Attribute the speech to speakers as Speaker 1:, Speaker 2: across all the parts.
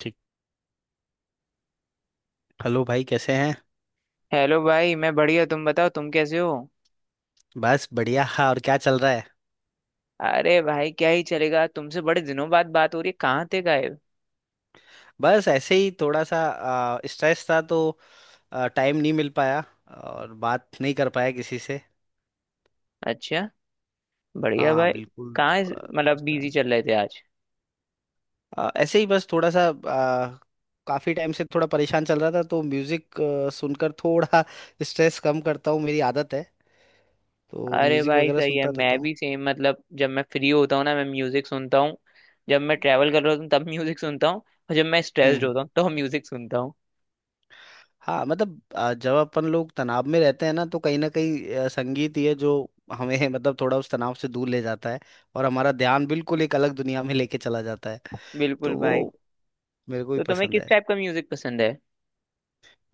Speaker 1: ठीक। हेलो भाई, कैसे हैं।
Speaker 2: हेलो भाई। मैं बढ़िया, तुम बताओ, तुम कैसे हो?
Speaker 1: बस बढ़िया। हाँ, और क्या चल रहा है।
Speaker 2: अरे भाई, क्या ही चलेगा। तुमसे बड़े दिनों बाद बात हो रही है, कहाँ थे गायब?
Speaker 1: बस ऐसे ही थोड़ा सा स्ट्रेस था, तो टाइम नहीं मिल पाया और बात नहीं कर पाया किसी से।
Speaker 2: अच्छा, बढ़िया
Speaker 1: हाँ,
Speaker 2: भाई।
Speaker 1: बिल्कुल।
Speaker 2: कहाँ
Speaker 1: आ,
Speaker 2: मतलब
Speaker 1: उस
Speaker 2: बिजी
Speaker 1: time-
Speaker 2: चल रहे थे आज?
Speaker 1: ऐसे ही बस थोड़ा सा काफी टाइम से थोड़ा परेशान चल रहा था, तो म्यूजिक सुनकर थोड़ा स्ट्रेस कम करता हूँ। मेरी आदत है। तो
Speaker 2: अरे
Speaker 1: म्यूजिक
Speaker 2: भाई
Speaker 1: वगैरह
Speaker 2: सही है,
Speaker 1: सुनता रहता
Speaker 2: मैं
Speaker 1: हूँ।
Speaker 2: भी सेम। मतलब जब मैं फ्री होता हूँ ना, मैं म्यूजिक सुनता हूँ। जब मैं ट्रैवल कर रहा होता हूँ तब म्यूजिक सुनता हूँ, और जब मैं स्ट्रेस्ड
Speaker 1: हम्म।
Speaker 2: होता हूँ तो म्यूजिक सुनता हूँ।
Speaker 1: हाँ, मतलब जब अपन लोग तनाव में रहते हैं ना, तो कहीं ना कहीं संगीत ही है जो हमें मतलब थोड़ा उस तनाव से दूर ले जाता है और हमारा ध्यान बिल्कुल एक अलग दुनिया में लेके चला जाता है।
Speaker 2: बिल्कुल
Speaker 1: तो वो
Speaker 2: भाई।
Speaker 1: मेरे को भी
Speaker 2: तो तुम्हें
Speaker 1: पसंद
Speaker 2: किस
Speaker 1: है।
Speaker 2: टाइप का म्यूजिक पसंद है?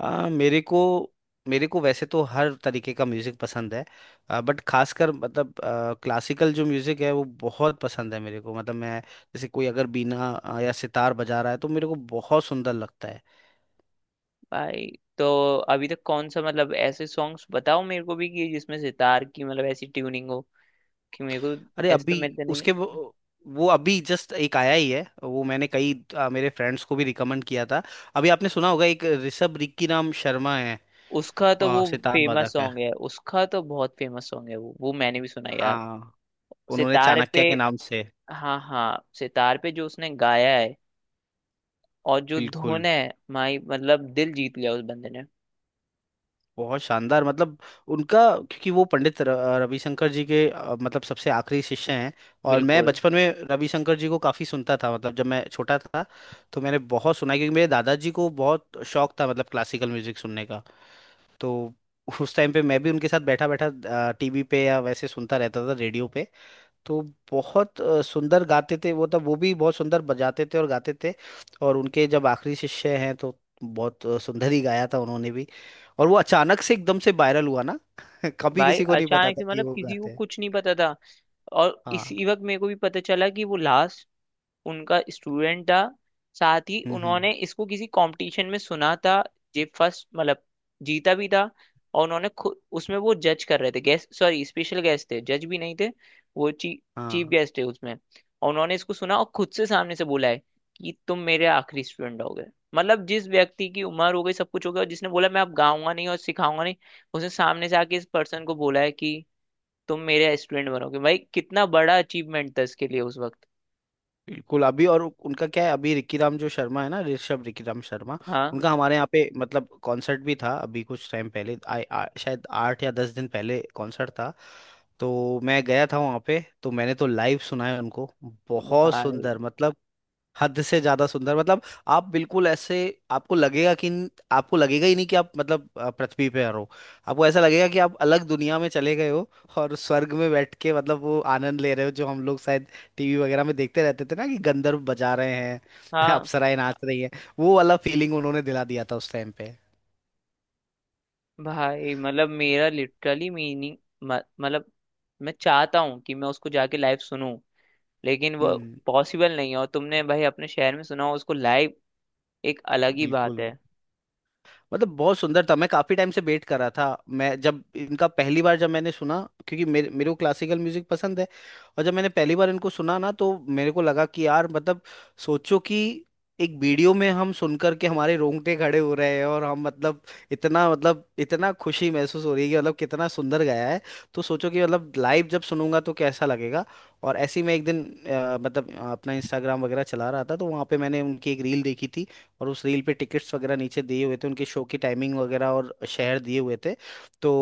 Speaker 1: आ, मेरे को मेरे को वैसे तो हर तरीके का म्यूजिक पसंद है। बट खासकर मतलब क्लासिकल जो म्यूजिक है वो बहुत पसंद है मेरे को। मतलब मैं जैसे कोई अगर बीना या सितार बजा रहा है तो मेरे को बहुत सुंदर लगता है।
Speaker 2: भाई, तो अभी तक कौन सा, मतलब ऐसे सॉन्ग्स बताओ मेरे को भी, कि जिसमें सितार की मतलब ऐसी ट्यूनिंग हो कि मेरे को,
Speaker 1: अरे
Speaker 2: ऐसे तो
Speaker 1: अभी
Speaker 2: मिलते नहीं।
Speaker 1: उसके वो अभी जस्ट एक आया ही है, वो मैंने कई मेरे फ्रेंड्स को भी रिकमेंड किया था। अभी आपने सुना होगा, एक ऋषभ रिक्की नाम शर्मा है।
Speaker 2: उसका तो वो
Speaker 1: सितार
Speaker 2: फेमस
Speaker 1: वादक है।
Speaker 2: सॉन्ग है, उसका तो बहुत फेमस सॉन्ग है, वो मैंने भी सुना यार।
Speaker 1: हाँ, उन्होंने
Speaker 2: सितार
Speaker 1: चाणक्य
Speaker 2: पे,
Speaker 1: के नाम से।
Speaker 2: हाँ हाँ, सितार पे जो उसने गाया है, और जो
Speaker 1: बिल्कुल,
Speaker 2: धुन है, माई मतलब दिल जीत लिया उस बंदे ने।
Speaker 1: बहुत शानदार मतलब। उनका, क्योंकि वो पंडित रविशंकर जी के मतलब सबसे आखिरी शिष्य हैं। और मैं
Speaker 2: बिल्कुल
Speaker 1: बचपन में रविशंकर जी को काफ़ी सुनता था, मतलब जब मैं छोटा था, तो मैंने बहुत सुना है, क्योंकि मेरे दादाजी को बहुत शौक था, मतलब क्लासिकल म्यूजिक सुनने का। तो उस टाइम पे मैं भी उनके साथ बैठा बैठा टीवी पे या वैसे सुनता रहता था, रेडियो पे। तो बहुत सुंदर गाते थे वो तब, वो भी बहुत सुंदर बजाते थे और गाते थे। और उनके जब आखिरी शिष्य हैं तो बहुत सुंदर ही गाया था उन्होंने भी। और वो अचानक से एकदम से वायरल हुआ ना। कभी
Speaker 2: भाई।
Speaker 1: किसी को नहीं पता
Speaker 2: अचानक
Speaker 1: था
Speaker 2: से
Speaker 1: कि
Speaker 2: मतलब
Speaker 1: वो
Speaker 2: किसी को
Speaker 1: गाते हैं।
Speaker 2: कुछ नहीं पता था, और
Speaker 1: हाँ।
Speaker 2: इसी वक्त मेरे को भी पता चला कि वो लास्ट उनका स्टूडेंट था। साथ ही
Speaker 1: हम्म, हम्म।
Speaker 2: उन्होंने इसको किसी कंपटीशन में सुना था, ये फर्स्ट मतलब जीता भी था, और उन्होंने खुद उसमें वो जज कर रहे थे, गेस्ट, सॉरी, स्पेशल गेस्ट थे, जज भी नहीं थे, वो चीफ
Speaker 1: हाँ,
Speaker 2: गेस्ट थे उसमें। और उन्होंने इसको सुना, और खुद से सामने से बोला है कि तुम मेरे आखिरी स्टूडेंट हो गए। मतलब जिस व्यक्ति की उम्र हो गई, सब कुछ हो गया, और जिसने बोला मैं अब गाऊंगा नहीं और सिखाऊंगा नहीं, उसने सामने से आके इस पर्सन को बोला है कि तुम मेरे स्टूडेंट बनोगे। भाई कितना बड़ा अचीवमेंट था इसके लिए उस वक्त।
Speaker 1: बिल्कुल। अभी और उनका क्या है, अभी रिकी राम जो शर्मा है ना, ऋषभ रिकी राम शर्मा।
Speaker 2: हाँ
Speaker 1: उनका हमारे यहाँ पे मतलब कॉन्सर्ट भी था, अभी कुछ टाइम पहले, आ, आ, शायद 8 या 10 दिन पहले कॉन्सर्ट था। तो मैं गया था वहाँ पे, तो मैंने तो लाइव सुना है उनको। बहुत
Speaker 2: भाई,
Speaker 1: सुंदर मतलब, हद से ज्यादा सुंदर मतलब। आप बिल्कुल ऐसे, आपको लगेगा कि, आपको लगेगा ही नहीं कि आप मतलब पृथ्वी पे हो। आपको ऐसा लगेगा कि आप अलग दुनिया में चले गए हो और स्वर्ग में बैठ के मतलब वो आनंद ले रहे हो, जो हम लोग शायद टीवी वगैरह में देखते रहते थे ना, कि गंधर्व बजा रहे हैं।
Speaker 2: हाँ
Speaker 1: अप्सराएं नाच रही हैं। वो वाला फीलिंग उन्होंने दिला दिया था उस टाइम पे।
Speaker 2: भाई। मतलब मेरा लिटरली मीनिंग, मतलब मैं चाहता हूँ कि मैं उसको जाके लाइव सुनूं, लेकिन वो
Speaker 1: हम्म।
Speaker 2: पॉसिबल नहीं है। और तुमने भाई अपने शहर में सुना हो उसको लाइव, एक अलग ही बात
Speaker 1: बिल्कुल
Speaker 2: है।
Speaker 1: मतलब बहुत सुंदर था। मैं काफी टाइम से वेट कर रहा था, मैं जब इनका पहली बार जब मैंने सुना, क्योंकि मेरे मेरे को क्लासिकल म्यूजिक पसंद है। और जब मैंने पहली बार इनको सुना ना, तो मेरे को लगा कि यार मतलब सोचो कि एक वीडियो में हम सुन करके हमारे रोंगटे खड़े हो रहे हैं, और हम मतलब इतना खुशी महसूस हो रही है कि मतलब कितना सुंदर गाया है। तो सोचो कि मतलब लाइव जब सुनूंगा तो कैसा लगेगा। और ऐसे ही मैं एक दिन मतलब अपना इंस्टाग्राम वगैरह चला रहा था, तो वहां पे मैंने उनकी एक रील देखी थी। और उस रील पे टिकट्स वगैरह नीचे दिए हुए थे, उनके शो की टाइमिंग वगैरह और शहर दिए हुए थे। तो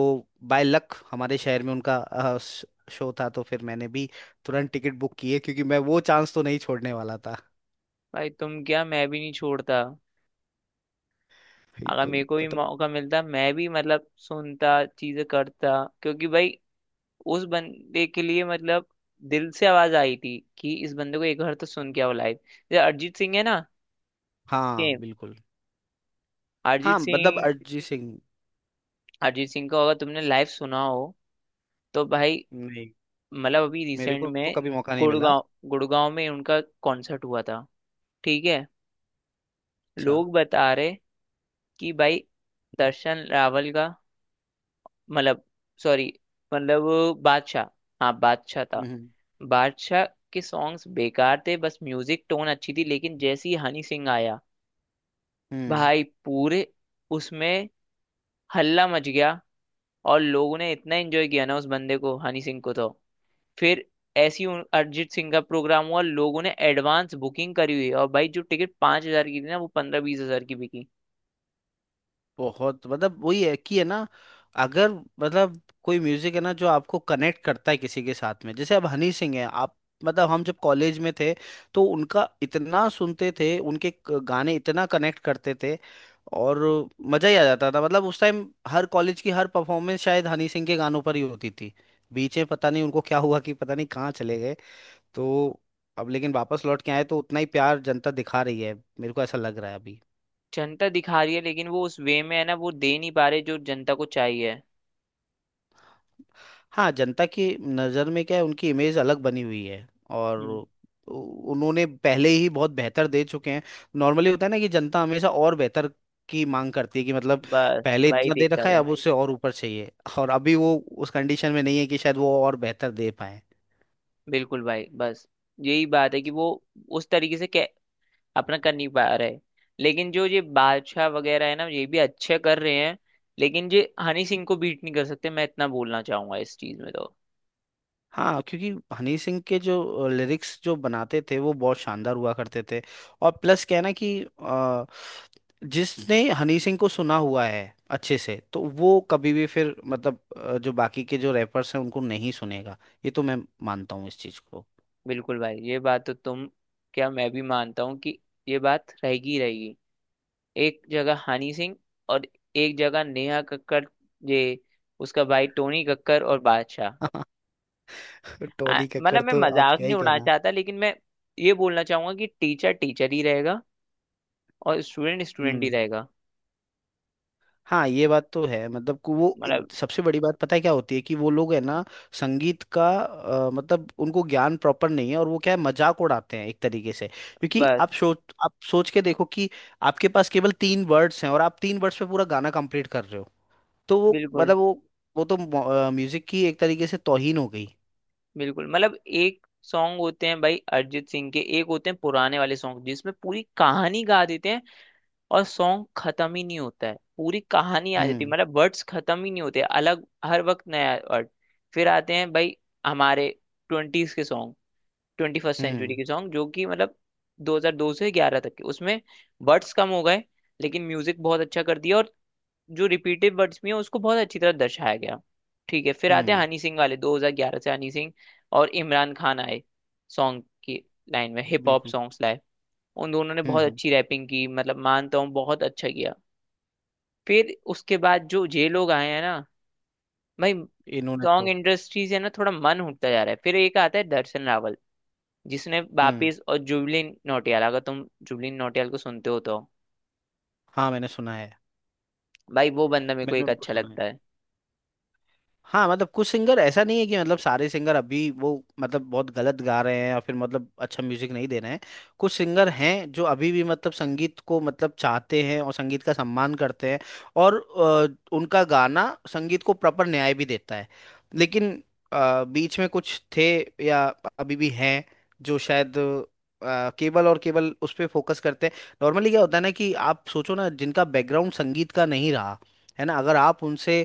Speaker 1: बाय लक हमारे शहर में उनका शो था, तो फिर मैंने भी तुरंत टिकट बुक किए, क्योंकि मैं वो चांस तो नहीं छोड़ने वाला था।
Speaker 2: भाई तुम क्या, मैं भी नहीं छोड़ता। अगर
Speaker 1: बिल्कुल
Speaker 2: मेरे को भी
Speaker 1: मतलब।
Speaker 2: मौका मिलता, मैं भी मतलब सुनता, चीजें करता। क्योंकि भाई, उस बंदे के लिए मतलब दिल से आवाज आई थी कि इस बंदे को एक बार तो सुन के आओ लाइव। जैसे अरिजीत सिंह है ना,
Speaker 1: हाँ,
Speaker 2: सेम।
Speaker 1: बिल्कुल। हाँ,
Speaker 2: अरिजीत
Speaker 1: मतलब
Speaker 2: सिंह,
Speaker 1: अरिजीत सिंह।
Speaker 2: अरिजीत सिंह का अगर तुमने लाइव सुना हो, तो भाई,
Speaker 1: नहीं,
Speaker 2: मतलब अभी
Speaker 1: मेरे
Speaker 2: रिसेंट
Speaker 1: को तो
Speaker 2: में,
Speaker 1: कभी मौका नहीं मिला।
Speaker 2: गुड़गांव गुड़गांव में उनका कॉन्सर्ट हुआ था। ठीक है?
Speaker 1: अच्छा।
Speaker 2: लोग बता रहे कि भाई, दर्शन रावल का मतलब, सॉरी, मतलब बादशाह, हाँ, बादशाह था।
Speaker 1: हम्म,
Speaker 2: बादशाह के सॉन्ग्स बेकार थे, बस म्यूजिक टोन अच्छी थी, लेकिन जैसे ही हनी सिंह आया
Speaker 1: हम्म।
Speaker 2: भाई, पूरे उसमें हल्ला मच गया। और लोगों ने इतना एंजॉय किया ना उस बंदे को, हनी सिंह को। तो फिर ऐसी ही अरिजीत सिंह का प्रोग्राम हुआ, लोगों ने एडवांस बुकिंग करी हुई है, और भाई जो टिकट 5,000 की थी ना, वो 15-20 हज़ार की बिकी।
Speaker 1: बहुत मतलब वही है कि, है ना, अगर मतलब कोई म्यूजिक है ना जो आपको कनेक्ट करता है किसी के साथ में, जैसे अब हनी सिंह है। आप मतलब हम जब कॉलेज में थे, तो उनका इतना सुनते थे, उनके गाने इतना कनेक्ट करते थे, और मजा ही आ जाता था, मतलब उस टाइम हर कॉलेज की हर परफॉर्मेंस शायद हनी सिंह के गानों पर ही होती थी। बीच में पता नहीं उनको क्या हुआ, कि पता नहीं कहाँ चले गए। तो अब लेकिन वापस लौट के आए तो उतना ही प्यार जनता दिखा रही है, मेरे को ऐसा लग रहा है अभी।
Speaker 2: जनता दिखा रही है, लेकिन वो उस वे में है ना, वो दे नहीं पा रहे जो जनता को चाहिए।
Speaker 1: हाँ, जनता की नज़र में क्या है, उनकी इमेज अलग बनी हुई है। और
Speaker 2: हम्म।
Speaker 1: उ- उन्होंने पहले ही बहुत बेहतर दे चुके हैं। नॉर्मली होता है ना कि जनता हमेशा और बेहतर की मांग करती है, कि मतलब
Speaker 2: बस
Speaker 1: पहले
Speaker 2: भाई,
Speaker 1: इतना दे रखा
Speaker 2: दिक्कत
Speaker 1: है,
Speaker 2: है।
Speaker 1: अब उससे और ऊपर चाहिए। और अभी वो उस कंडीशन में नहीं है कि शायद वो और बेहतर दे पाए।
Speaker 2: बिल्कुल भाई। बस यही बात है कि वो उस तरीके से अपना कर नहीं पा रहे। लेकिन जो ये बादशाह वगैरह है ना, ये भी अच्छे कर रहे हैं, लेकिन ये हनी सिंह को बीट नहीं कर सकते, मैं इतना बोलना चाहूंगा इस चीज में तो।
Speaker 1: हाँ, क्योंकि हनी सिंह के जो लिरिक्स जो बनाते थे वो बहुत शानदार हुआ करते थे। और प्लस क्या है ना कि जिसने हनी सिंह को सुना हुआ है अच्छे से, तो वो कभी भी फिर मतलब जो बाकी के जो रैपर्स हैं उनको नहीं सुनेगा। ये तो मैं मानता हूँ इस चीज को।
Speaker 2: बिल्कुल भाई, ये बात तो तुम क्या, मैं भी मानता हूँ कि ये बात रहेगी ही रहेगी। एक जगह हनी सिंह, और एक जगह नेहा कक्कड़, ये उसका भाई टोनी कक्कड़ और बादशाह।
Speaker 1: टोनी कक्कड़
Speaker 2: मतलब मैं
Speaker 1: तो आप
Speaker 2: मजाक
Speaker 1: क्या ही
Speaker 2: नहीं उड़ाना चाहता, लेकिन मैं ये बोलना चाहूंगा कि टीचर टीचर ही रहेगा, और स्टूडेंट स्टूडेंट ही
Speaker 1: कहना।
Speaker 2: रहेगा।
Speaker 1: हाँ, ये बात तो है, मतलब कि वो,
Speaker 2: मतलब
Speaker 1: सबसे बड़ी बात पता है क्या होती है कि वो लोग है ना, संगीत का मतलब उनको ज्ञान प्रॉपर नहीं है, और वो क्या है, मजाक उड़ाते हैं एक तरीके से। क्योंकि
Speaker 2: बस।
Speaker 1: आप सोच के देखो कि आपके पास केवल तीन वर्ड्स हैं और आप तीन वर्ड्स पे पूरा गाना कंप्लीट कर रहे हो। तो वो
Speaker 2: बिल्कुल,
Speaker 1: मतलब वो तो म्यूजिक की एक तरीके से तौहीन हो गई।
Speaker 2: बिल्कुल। मतलब एक सॉन्ग होते हैं भाई अरिजीत सिंह के, एक होते हैं पुराने वाले सॉन्ग जिसमें पूरी कहानी गा देते हैं, और सॉन्ग खत्म ही नहीं होता है, पूरी कहानी आ जाती है।
Speaker 1: हम्म,
Speaker 2: मतलब वर्ड्स खत्म ही नहीं होते, अलग हर वक्त नया वर्ड। फिर आते हैं भाई हमारे ट्वेंटीज के सॉन्ग, ट्वेंटी फर्स्ट सेंचुरी
Speaker 1: हम्म,
Speaker 2: के सॉन्ग जो कि मतलब 2002 से 11 तक के, उसमें वर्ड्स कम हो गए, लेकिन म्यूजिक बहुत अच्छा कर दिया, और जो रिपीटेड वर्ड्स भी हैं उसको बहुत अच्छी तरह दर्शाया गया। ठीक है? फिर आते हैं
Speaker 1: हम्म।
Speaker 2: हनी सिंह वाले 2011 से। हनी सिंह और इमरान खान आए, सॉन्ग की लाइन में हिप हॉप
Speaker 1: बिल्कुल।
Speaker 2: सॉन्ग्स लाए। उन दोनों ने
Speaker 1: हम्म,
Speaker 2: बहुत
Speaker 1: हम्म।
Speaker 2: अच्छी रैपिंग की, मतलब मानता हूँ बहुत अच्छा किया। फिर उसके बाद जो ये लोग आए हैं ना भाई,
Speaker 1: इन्होंने
Speaker 2: सॉन्ग
Speaker 1: तो।
Speaker 2: इंडस्ट्री से ना थोड़ा मन उठता जा रहा है। फिर एक आता है दर्शन रावल जिसने
Speaker 1: हम्म।
Speaker 2: वापिस, और जुबलिन नौटियाल, अगर तुम जुबलिन नौटियाल को सुनते हो तो
Speaker 1: हाँ, मैंने सुना है,
Speaker 2: भाई, वो बंदा मेरे को
Speaker 1: मैंने
Speaker 2: एक
Speaker 1: उनको
Speaker 2: अच्छा
Speaker 1: सुना है।
Speaker 2: लगता है।
Speaker 1: हाँ, मतलब कुछ सिंगर ऐसा नहीं है कि मतलब सारे सिंगर अभी वो मतलब बहुत गलत गा रहे हैं या फिर मतलब अच्छा म्यूजिक नहीं दे रहे हैं। कुछ सिंगर हैं जो अभी भी मतलब संगीत को मतलब चाहते हैं और संगीत का सम्मान करते हैं, और उनका गाना संगीत को प्रॉपर न्याय भी देता है। लेकिन बीच में कुछ थे, या अभी भी हैं, जो शायद केवल और केवल उस पर फोकस करते हैं। नॉर्मली क्या होता है ना कि आप सोचो ना, जिनका बैकग्राउंड संगीत का नहीं रहा, है ना, अगर आप उनसे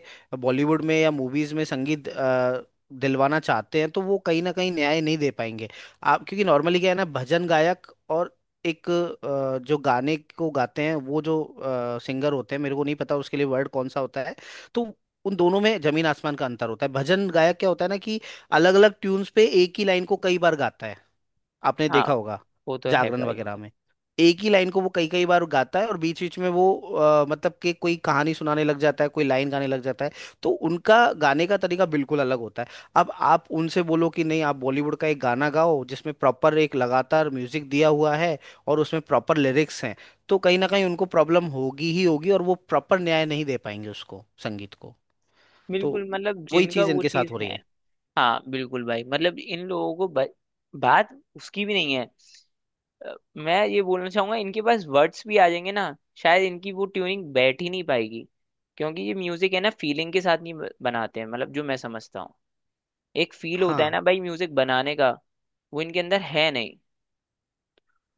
Speaker 1: बॉलीवुड में या मूवीज में संगीत दिलवाना चाहते हैं, तो वो कहीं ना कहीं न्याय नहीं दे पाएंगे। आप क्योंकि नॉर्मली क्या है ना, भजन गायक और एक जो गाने को गाते हैं, वो जो सिंगर होते हैं, मेरे को नहीं पता उसके लिए वर्ड कौन सा होता है। तो उन दोनों में जमीन आसमान का अंतर होता है। भजन गायक क्या होता है ना, कि अलग अलग ट्यून्स पे एक ही लाइन को कई बार गाता है, आपने
Speaker 2: हाँ
Speaker 1: देखा होगा
Speaker 2: वो तो है
Speaker 1: जागरण
Speaker 2: भाई।
Speaker 1: वगैरह में। एक ही लाइन को वो कई कई बार गाता है, और बीच बीच में वो मतलब कि कोई कहानी सुनाने लग जाता है, कोई लाइन गाने लग जाता है। तो उनका गाने का तरीका बिल्कुल अलग होता है। अब आप उनसे बोलो कि नहीं, आप बॉलीवुड का एक गाना गाओ जिसमें प्रॉपर एक लगातार म्यूजिक दिया हुआ है, और उसमें प्रॉपर लिरिक्स हैं, तो कहीं ना कहीं उनको प्रॉब्लम होगी ही होगी, और वो प्रॉपर न्याय नहीं दे पाएंगे उसको, संगीत को। तो
Speaker 2: बिल्कुल, मतलब
Speaker 1: वही
Speaker 2: जिनका
Speaker 1: चीज़
Speaker 2: वो
Speaker 1: इनके
Speaker 2: चीज
Speaker 1: साथ हो रही
Speaker 2: है।
Speaker 1: है।
Speaker 2: हाँ बिल्कुल भाई, मतलब इन लोगों को बात उसकी भी नहीं है। मैं ये बोलना चाहूंगा इनके पास वर्ड्स भी आ जाएंगे ना, शायद इनकी वो ट्यूनिंग बैठ ही नहीं पाएगी। क्योंकि ये म्यूजिक है ना, फीलिंग के साथ नहीं बनाते हैं, मतलब जो मैं समझता हूँ। एक फील होता है
Speaker 1: हाँ,
Speaker 2: ना भाई म्यूजिक बनाने का, वो इनके अंदर है नहीं।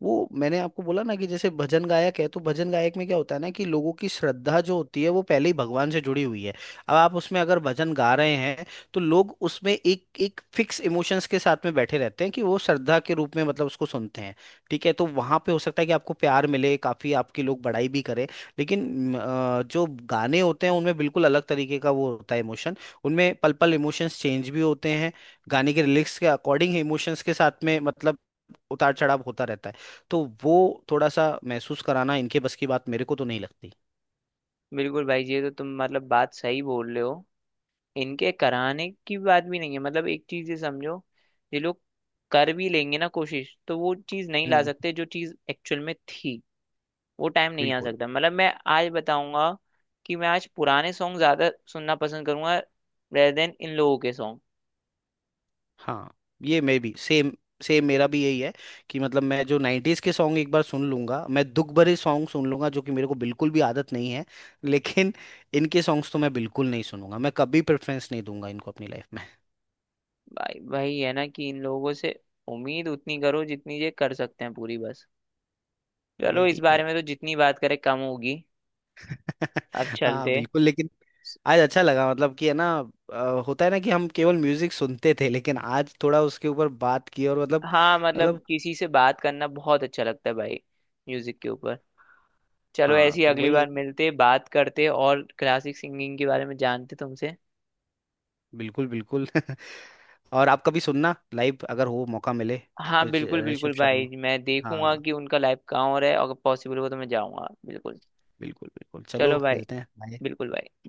Speaker 1: वो मैंने आपको बोला ना कि जैसे भजन गायक है, तो भजन गायक में क्या होता है ना कि लोगों की श्रद्धा जो होती है वो पहले ही भगवान से जुड़ी हुई है। अब आप उसमें अगर भजन गा रहे हैं, तो लोग उसमें एक एक फिक्स इमोशंस के साथ में बैठे रहते हैं, कि वो श्रद्धा के रूप में मतलब उसको सुनते हैं। ठीक है, तो वहां पे हो सकता है कि आपको प्यार मिले काफी, आपके लोग बड़ाई भी करें। लेकिन जो गाने होते हैं उनमें बिल्कुल अलग तरीके का वो होता है इमोशन। उनमें पल पल इमोशंस चेंज भी होते हैं, गाने के लिरिक्स के अकॉर्डिंग इमोशंस के साथ में मतलब उतार चढ़ाव होता रहता है। तो वो थोड़ा सा महसूस कराना इनके बस की बात मेरे को तो नहीं लगती।
Speaker 2: बिल्कुल भाई जी, ये तो तुम मतलब बात सही बोल रहे हो। इनके कराने की बात भी नहीं है, मतलब एक चीज ये समझो, ये लोग कर भी लेंगे ना कोशिश, तो वो चीज नहीं ला
Speaker 1: हम्म,
Speaker 2: सकते जो चीज एक्चुअल में थी। वो टाइम नहीं आ
Speaker 1: बिल्कुल।
Speaker 2: सकता। मतलब मैं आज बताऊंगा कि मैं आज पुराने सॉन्ग ज्यादा सुनना पसंद करूंगा, रेदर देन इन लोगों के सॉन्ग।
Speaker 1: हाँ, ये मैं भी सेम। सेम मेरा भी यही है कि मतलब मैं जो 90s के सॉन्ग एक बार सुन लूंगा, मैं दुख भरे सॉन्ग सुन लूंगा, जो कि मेरे को बिल्कुल भी आदत नहीं है। लेकिन इनके सॉन्ग्स तो मैं बिल्कुल नहीं सुनूंगा, मैं कभी प्रेफरेंस नहीं दूंगा इनको अपनी लाइफ में।
Speaker 2: भाई भाई, है ना कि इन लोगों से उम्मीद उतनी करो जितनी ये कर सकते हैं, पूरी बस। चलो, इस
Speaker 1: वही है।
Speaker 2: बारे में तो जितनी बात करें कम होगी, अब
Speaker 1: हाँ,
Speaker 2: चलते।
Speaker 1: बिल्कुल, लेकिन आज अच्छा लगा, मतलब कि है ना, होता है ना कि हम केवल म्यूजिक सुनते थे, लेकिन आज थोड़ा उसके ऊपर बात की और मतलब।
Speaker 2: हाँ मतलब
Speaker 1: मतलब।
Speaker 2: किसी से बात करना बहुत अच्छा लगता है भाई, म्यूजिक के ऊपर। चलो
Speaker 1: हाँ,
Speaker 2: ऐसी
Speaker 1: तो
Speaker 2: अगली
Speaker 1: वही
Speaker 2: बार
Speaker 1: है।
Speaker 2: मिलते, बात करते, और क्लासिक सिंगिंग के बारे में जानते तुमसे।
Speaker 1: बिल्कुल, बिल्कुल। और आप कभी सुनना लाइव, अगर हो मौका मिले।
Speaker 2: हाँ बिल्कुल, बिल्कुल
Speaker 1: ऋषभ शर्मा।
Speaker 2: भाई, मैं देखूंगा
Speaker 1: हाँ,
Speaker 2: कि उनका लाइव कहाँ हो रहा है, अगर पॉसिबल हो तो मैं जाऊंगा बिल्कुल।
Speaker 1: बिल्कुल, बिल्कुल। चलो
Speaker 2: चलो भाई,
Speaker 1: मिलते हैं। बाय।
Speaker 2: बिल्कुल भाई।